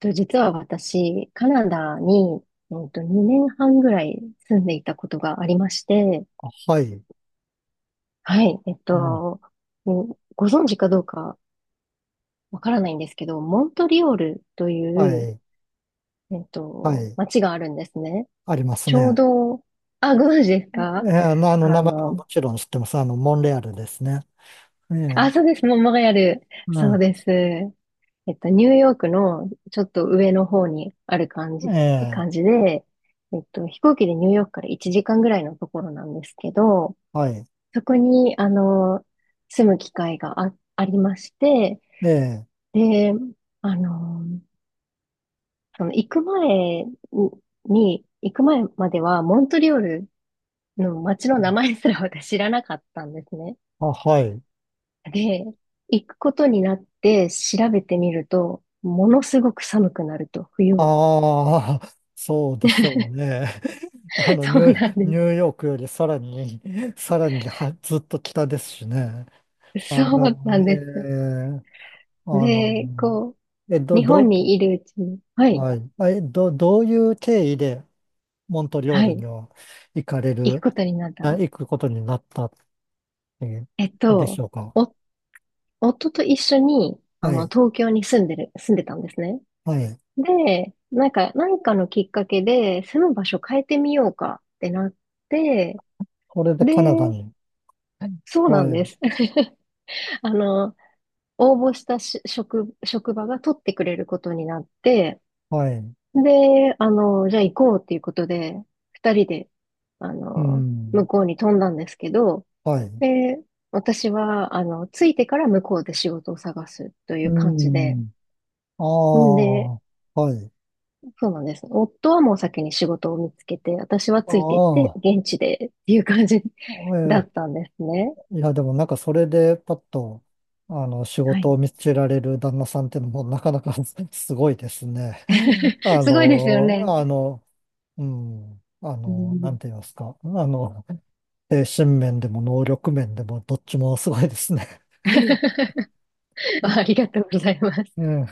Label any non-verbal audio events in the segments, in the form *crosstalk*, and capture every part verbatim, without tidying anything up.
と、実は私、カナダに、うんと、にねんはんぐらい住んでいたことがありまして、あ、はい。はい、えっうん、と、うん、ご存知かどうかわからないんですけど、モントリオールとはいう、い。えっはと、い。街があるんですね。ありますちょうね。ど、あ、ご存知ですえか？えああの、名前はの、もちろん知ってます。あの、モンレアルですね。えあ、え、そうです。もうモンレアル。うそうん。です。えっと、ニューヨークのちょっと上の方にある感じ、え感え、じで、えっと、飛行機でニューヨークからいちじかんぐらいのところなんですけど、はい。そこに、あの、住む機会があ、ありまして、ええ、で、あの、その行く前に、行く前まではモントリオールの街の名前すら私知らなかったんですね。あ、はい。で、行くことになって調べてみると、ものすごく寒くなると、冬は。ああ、*laughs* そうでしょうね。*laughs* あ *laughs* の、ニそうなんュ、ニでューヨークよりさらに、*laughs* さらにはずっと北ですしね。す。あその、うなんえです。え、あの、で、こう、え、ど、日本ど、にいるうちに、はい、はい。あえ、ど、どういう経緯で、モントリオーはルい、には行かれ行くる、ことになった。あ、行くことになったっていうえっんでしと、ょうか。お、夫と一緒に、あはの、い。東京に住んでる、住んでたんですね。はい。で、なんか、何かのきっかけで、住む場所変えてみようかってなって、これでで、カナダに。そうなんはでい。す。*laughs* あの、応募したし職、職場が取ってくれることになって、はい。で、あの、じゃあ行こうっていうことで、二人で、あうの、向ん。こうに飛んだんですけど、はい。で、私は、あの、着いてから向こうで仕事を探すというう感じで、ん。あんあ。で、はい。そうなんです。夫はもう先に仕事を見つけて、私はあついていって、あ。現地でっていう感じ え *laughs* だっーたんですね。いや、でもなんかそれでパッと、あの、仕は事い。を見つけられる旦那さんっていうのもなかなか *laughs* すごいですね。*laughs* *laughs* あすごいですよの、ね。あの、うん。あうの、なんん。 て言いますか。あの、精神面でも能力面でもどっちもすごいですね。はい、 *laughs* あうりがとうございます。ん。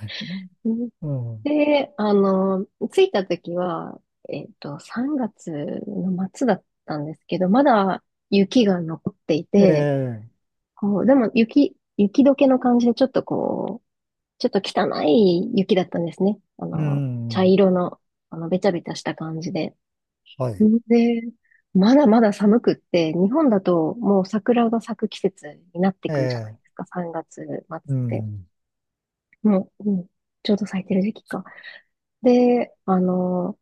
うん。 *laughs* で、あの、着いた時は、えっと、さんがつの末だったんですけど、まだ雪が残っていうん、て、ええ、こう、でも雪、雪解けの感じでちょっとこう、ちょっと汚い雪だったんですね。あうの、茶ん、色の、あの、べちゃべちゃした感じで。はい、で、まだまだ寒くって、日本だともう桜が咲く季節になってえくるじゃないえ、ですか、さんがつ末っうて。ん、もう、うん、ちょうど咲いてる時期か。で、あの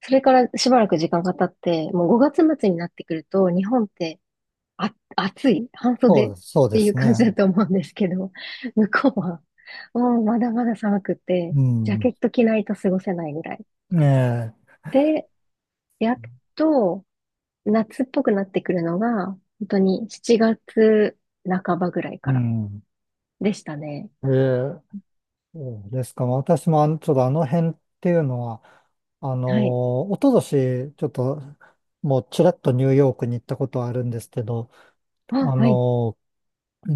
それからしばらく時間が経って、もうごがつ末になってくると、日本って、あ、暑い、半そう袖っです、そうでていうす感じだね。と思うんですけど、*laughs* 向こうは、もうまだまだ寒くて、うジャん、ケット着ないと過ごせないぐらい。ええ、で、やっと夏っぽくなってくるのが、本当にしちがつばぐらいうからん、でしたね。ええ、そうですか。私もあの、ちょっとあの辺っていうのは、あはい。の、おととし、ちょっと、もうちらっとニューヨークに行ったことはあるんですけど、あ、あはい。の、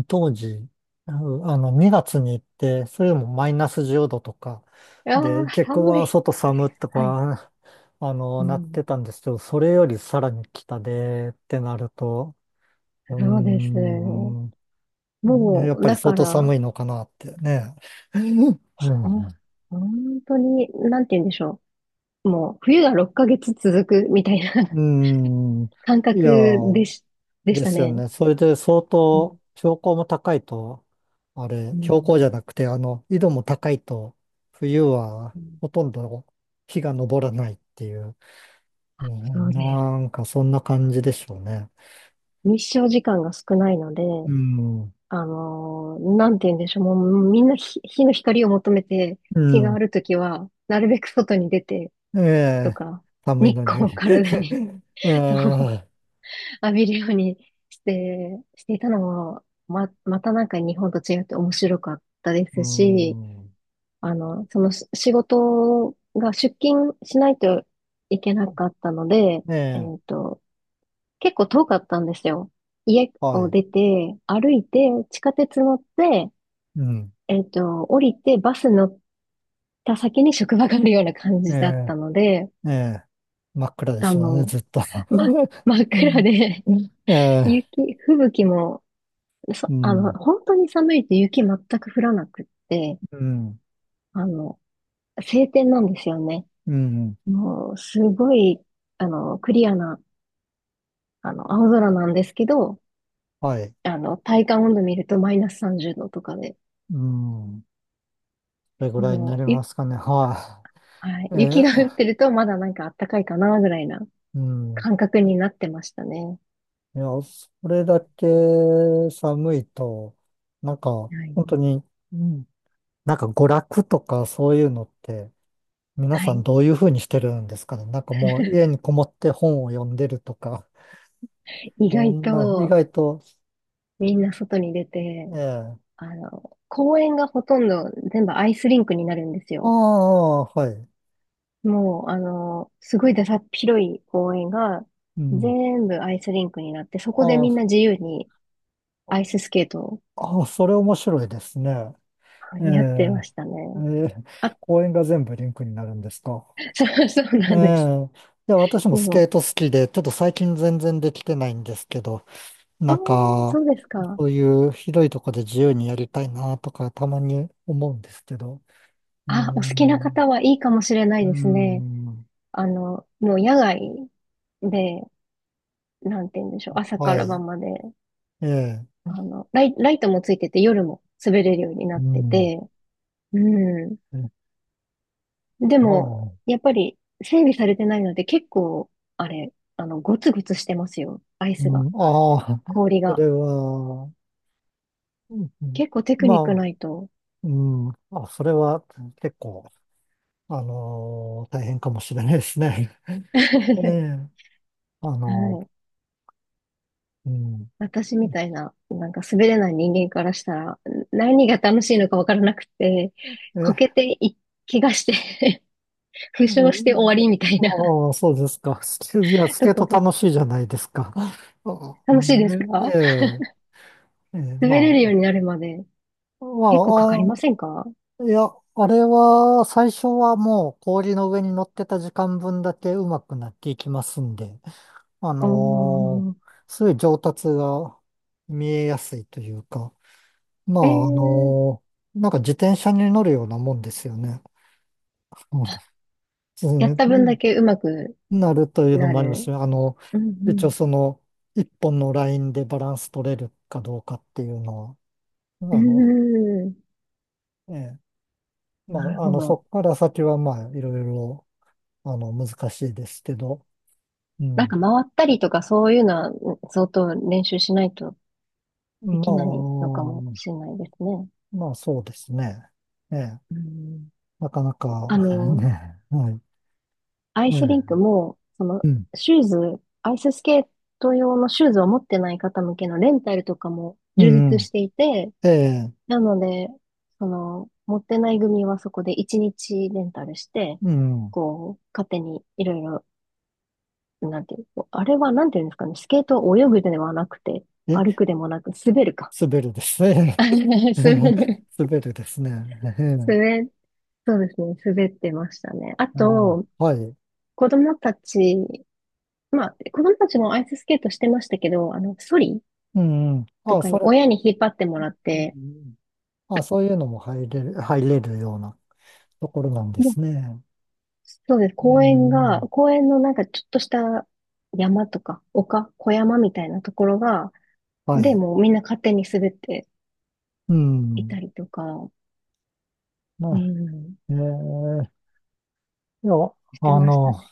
当時、あの、にがつに行って、それでもマイナスじゅうどとか、あで、あ、結構寒はい。外寒とはい。か、あうの、なっん。てたんですけど、それよりさらに北でってなると、うーそうです。ん、ねもやっう、ぱりだ相か当ら、寒いのかなってね。*laughs* ううん、ん、本当に、なんて言うんでしょう。もう、冬がろっかげつ続くみたいな *laughs* うん、感いや覚でー、し、でしでたすよね。ね。それで相うん。当標高も高いと、あれ、う標高ん、じゃなくて、あの、緯度も高いと、冬はうん、ほとんど日が昇らないっていう、うそん、うです。なんかそんな感じでしょうね。日照時間が少ないので、うん、あのーなんて言うんでしょう。もう、みんな日、日の光を求めて、う日があん、るときは、なるべく外に出て、えとえ、か、寒い日の光をに。体に *laughs* え *laughs* そう、え、浴びるようにして、していたのも、ま、またなんか日本と違って面白かったでうすし、ん、あの、そのし仕事が出勤しないといけなかったので、えええ、っと、結構遠かったんですよ。家はをい、出て、歩いて、地下鉄乗って、うん、えっと、降りて、バス乗った先に職場があるような感えじだっえ、たので、ええ、真っ暗であしょうね、の、ずっと。ま、真っ *laughs* う暗ん、で え *laughs* え、雪、吹雪も、うそ、あの、ん、本当に寒いと雪全く降らなくって、うん。あの、晴天なんですよね。うん。もう、すごい、あの、クリアな、あの、青空なんですけど、はい。あの、体感温度見るとマイナスさんじゅうどとかで、うん。それぐらいになもりう、ゆ、ますかね。ははい、い。雪え、が降ってるとまだなんか暖かいかな、ぐらいなうん。感覚になってましたね。いや、それだけ寒いと、なんか、はい。本当に、うん、なんか娯楽とかそういうのって、皆はさんい。どういうふうにしてるんですかね。なんかもう家にこもって本を読んでるとか、意そ外んな、意と、外と、みんな外に出えて、え。あの、公園がほとんど全部アイスリンクになるんですあよ。あ、はい。もう、あの、すごいださっ広い公園が、うん。全部アイスリンクになって、そこであみんあ、な自由に、アイススケートを、ああ、それ面白いですね。はえい、やってまえ、したえね。え、あ、公園が全部リンクになるんですか？*laughs* そう、そうえなんです。え、いや、私もスもケう、ート好きで、ちょっと最近全然できてないんですけど、なああ、んそか、うですか。そういう広いとこで自由にやりたいなとか、たまに思うんですけど。うーあ、お好きな方ん、はいいかもしれなういーですね。ん、あの、もう野外で、なんて言うんでしょう。朝からは晩まで、い、ええ、あの、ライ、ライトもついてて夜も滑れるようになうってん、て、うん。えであも、あ、やっぱり整備されてないので結構、あれ、あの、ゴツゴツしてますよ。アイうスん、が、ああ、氷そが。れは、うん、うん、結構テクニックまあ、ないと。うん、あ、それは結構、あのー大変かもしれないですね。*laughs* え *laughs* はえ、あのい。ーうん。私みたいな、なんか滑れない人間からしたら、何が楽しいのかわからなくて、こけえ、てい、怪我して *laughs* 負う傷して終わん、りみたいな ああ、そうですか。スケ、いや、スケ *laughs* ーとトころ。楽しいじゃないですか？あ、う楽しいですん、か？ええ、ええ、滑れまるようになるまであ、ま結構かかりませあ、んかあ、いや、あれは、最初はもう氷の上に乗ってた時間分だけ上手くなっていきますんで、あおのーー。すごい上達が見えやすいというか、まえあ、あー、のなんか自転車に乗るようなもんですよね。うん、そうやっね、た分だけ上手くなるというのなもありまする。ね。あの、う一応んその、一本のラインでバランス取れるかどうかっていうのうは、あの、ん。うーん。ええ、まなるあ、あほの、そど。こから先はまあ、いろいろ、あの、難しいですけど、うなんん。か回ったりとかそういうのは、うん、相当練習しないとできないまのかもしれあ、ないですね。まあ、そうですね。ええ、うん、なかなか、あ *laughs* の、ね、はい。アイえスリンクえ、も、その、うん、シューズ、アイススケート用のシューズを持ってない方向けのレンタルとかもう充ん、実うん、していて、ええ、なので、その、持ってない組はそこでいちにちレンタルして、うん。こう、勝手にいろいろ、なんていう、こうあれはなんていうんですかね、スケートを泳ぐではなくて、え、歩くでもなく、滑るか。滑るですね。*laughs* 滑 *laughs* る。滑るですね。*laughs* ええ、滑、そうですね、滑ってましたね。あああ、と、はい。子供たち、まあ、子供たちもアイススケートしてましたけど、あの、ソリうん、うん。とああ、かそにれ、親に引っ張ってもらっうん、うて、ん、ああ、そういうのも入れる、入れるようなところなんでもう、すね。そうです。うん、公園うが、ん。公園のなんかちょっとした山とか、丘、小山みたいなところが、はで、い。もうみんな勝手に滑ってういたん。りとか、まうあ、ん、ええ、いや、してあましたの、ね。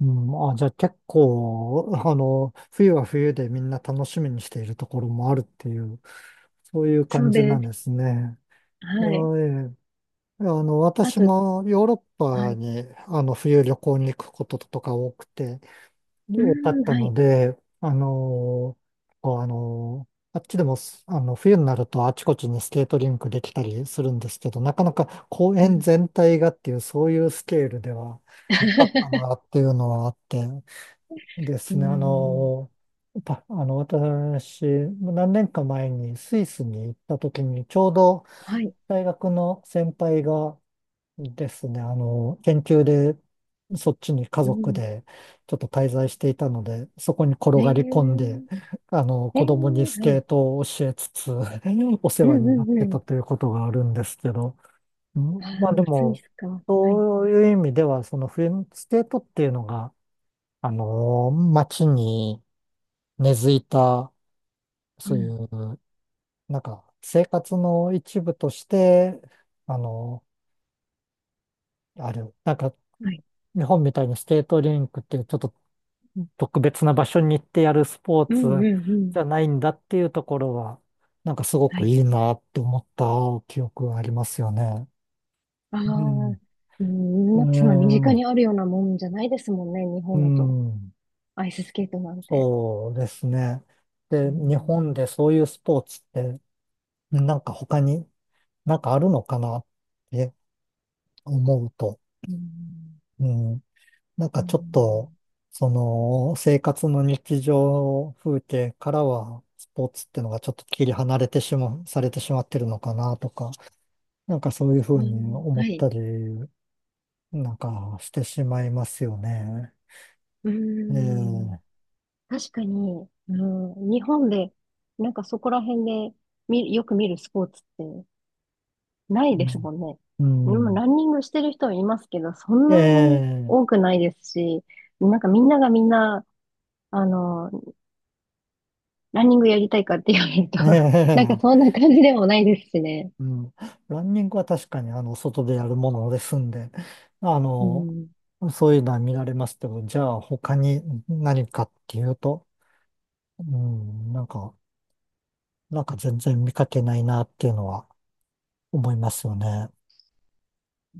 うん、あ、じゃあ結構、あの、冬は冬でみんな楽しみにしているところもあるっていう、そういうそ感うじなんです。ですね。いや、はい。ええ、あの、あ私と、もヨーロッはパい。に、あの、冬旅行に行くこととか多くて、う多かっん、たはのい。で、あの、こうあの、あっちでもす、あの、冬になるとあちこちにスケートリンクできたりするんですけど、なかなか公う園ん。全体がっていう、そういうスケールではなかったなっ *laughs* ていうのはあって、でうすね、あん。の、*laughs* たあの、私、何年か前にスイスに行った時に、ちょうどはい。大学の先輩が、ですね。あの、研究で、そっちに家う族ん。でちょっと滞在していたので、そこに転えー、がり込んで、あの、え子供にー、スはケーい。トを教えつつ、*laughs* お世うん話うになっんうてん。たということがあるんですけど、うあん、まあであ、スイも、スか。はい。そういう意味では、その冬のスケートっていうのが、あの、街に根付いた、うそういん。う、なんか、生活の一部として、あの、ある。なんか、はい。日本みたいにスケートリンクっていうちょっと特別な場所に行ってやるスポーうんうんツうん。じゃないんだっていうところは、なんかすごはくい。いいなって思った記憶がありますよね。ああ、うん。うん、なんかそんな身う近にん。あるようなもんじゃないですもんね、日う本だと。ん、アイススケートなんて。そうですね。うで、日ん。本でそういうスポーツって、なんか他になんかあるのかなって思うと、うん。うん。なんうかちょっと、ん。その、生活の日常風景からは、スポーツってのがちょっと切り離れてしまう、されてしまってるのかなとか、なんかそういうふううにん、思はっい。たり、なんかしてしまいますよね。うん。ええ、確かに、うん、日本で、なんかそこら辺で見、よく見るスポーツってないですもんね。うでもん。うん、ランニングしてる人はいますけど、そんなにええ、多くないですし、なんかみんながみんな、あの、ランニングやりたいかって言われると *laughs* なんかえそえ、んな感じでもないですしね。うん。ランニングは確かに、あの、外でやるものですんで、あうの、ん。そういうのは見られますけど、じゃあ他に何かっていうと、うん、なんか、なんか全然見かけないなっていうのは思いますよね。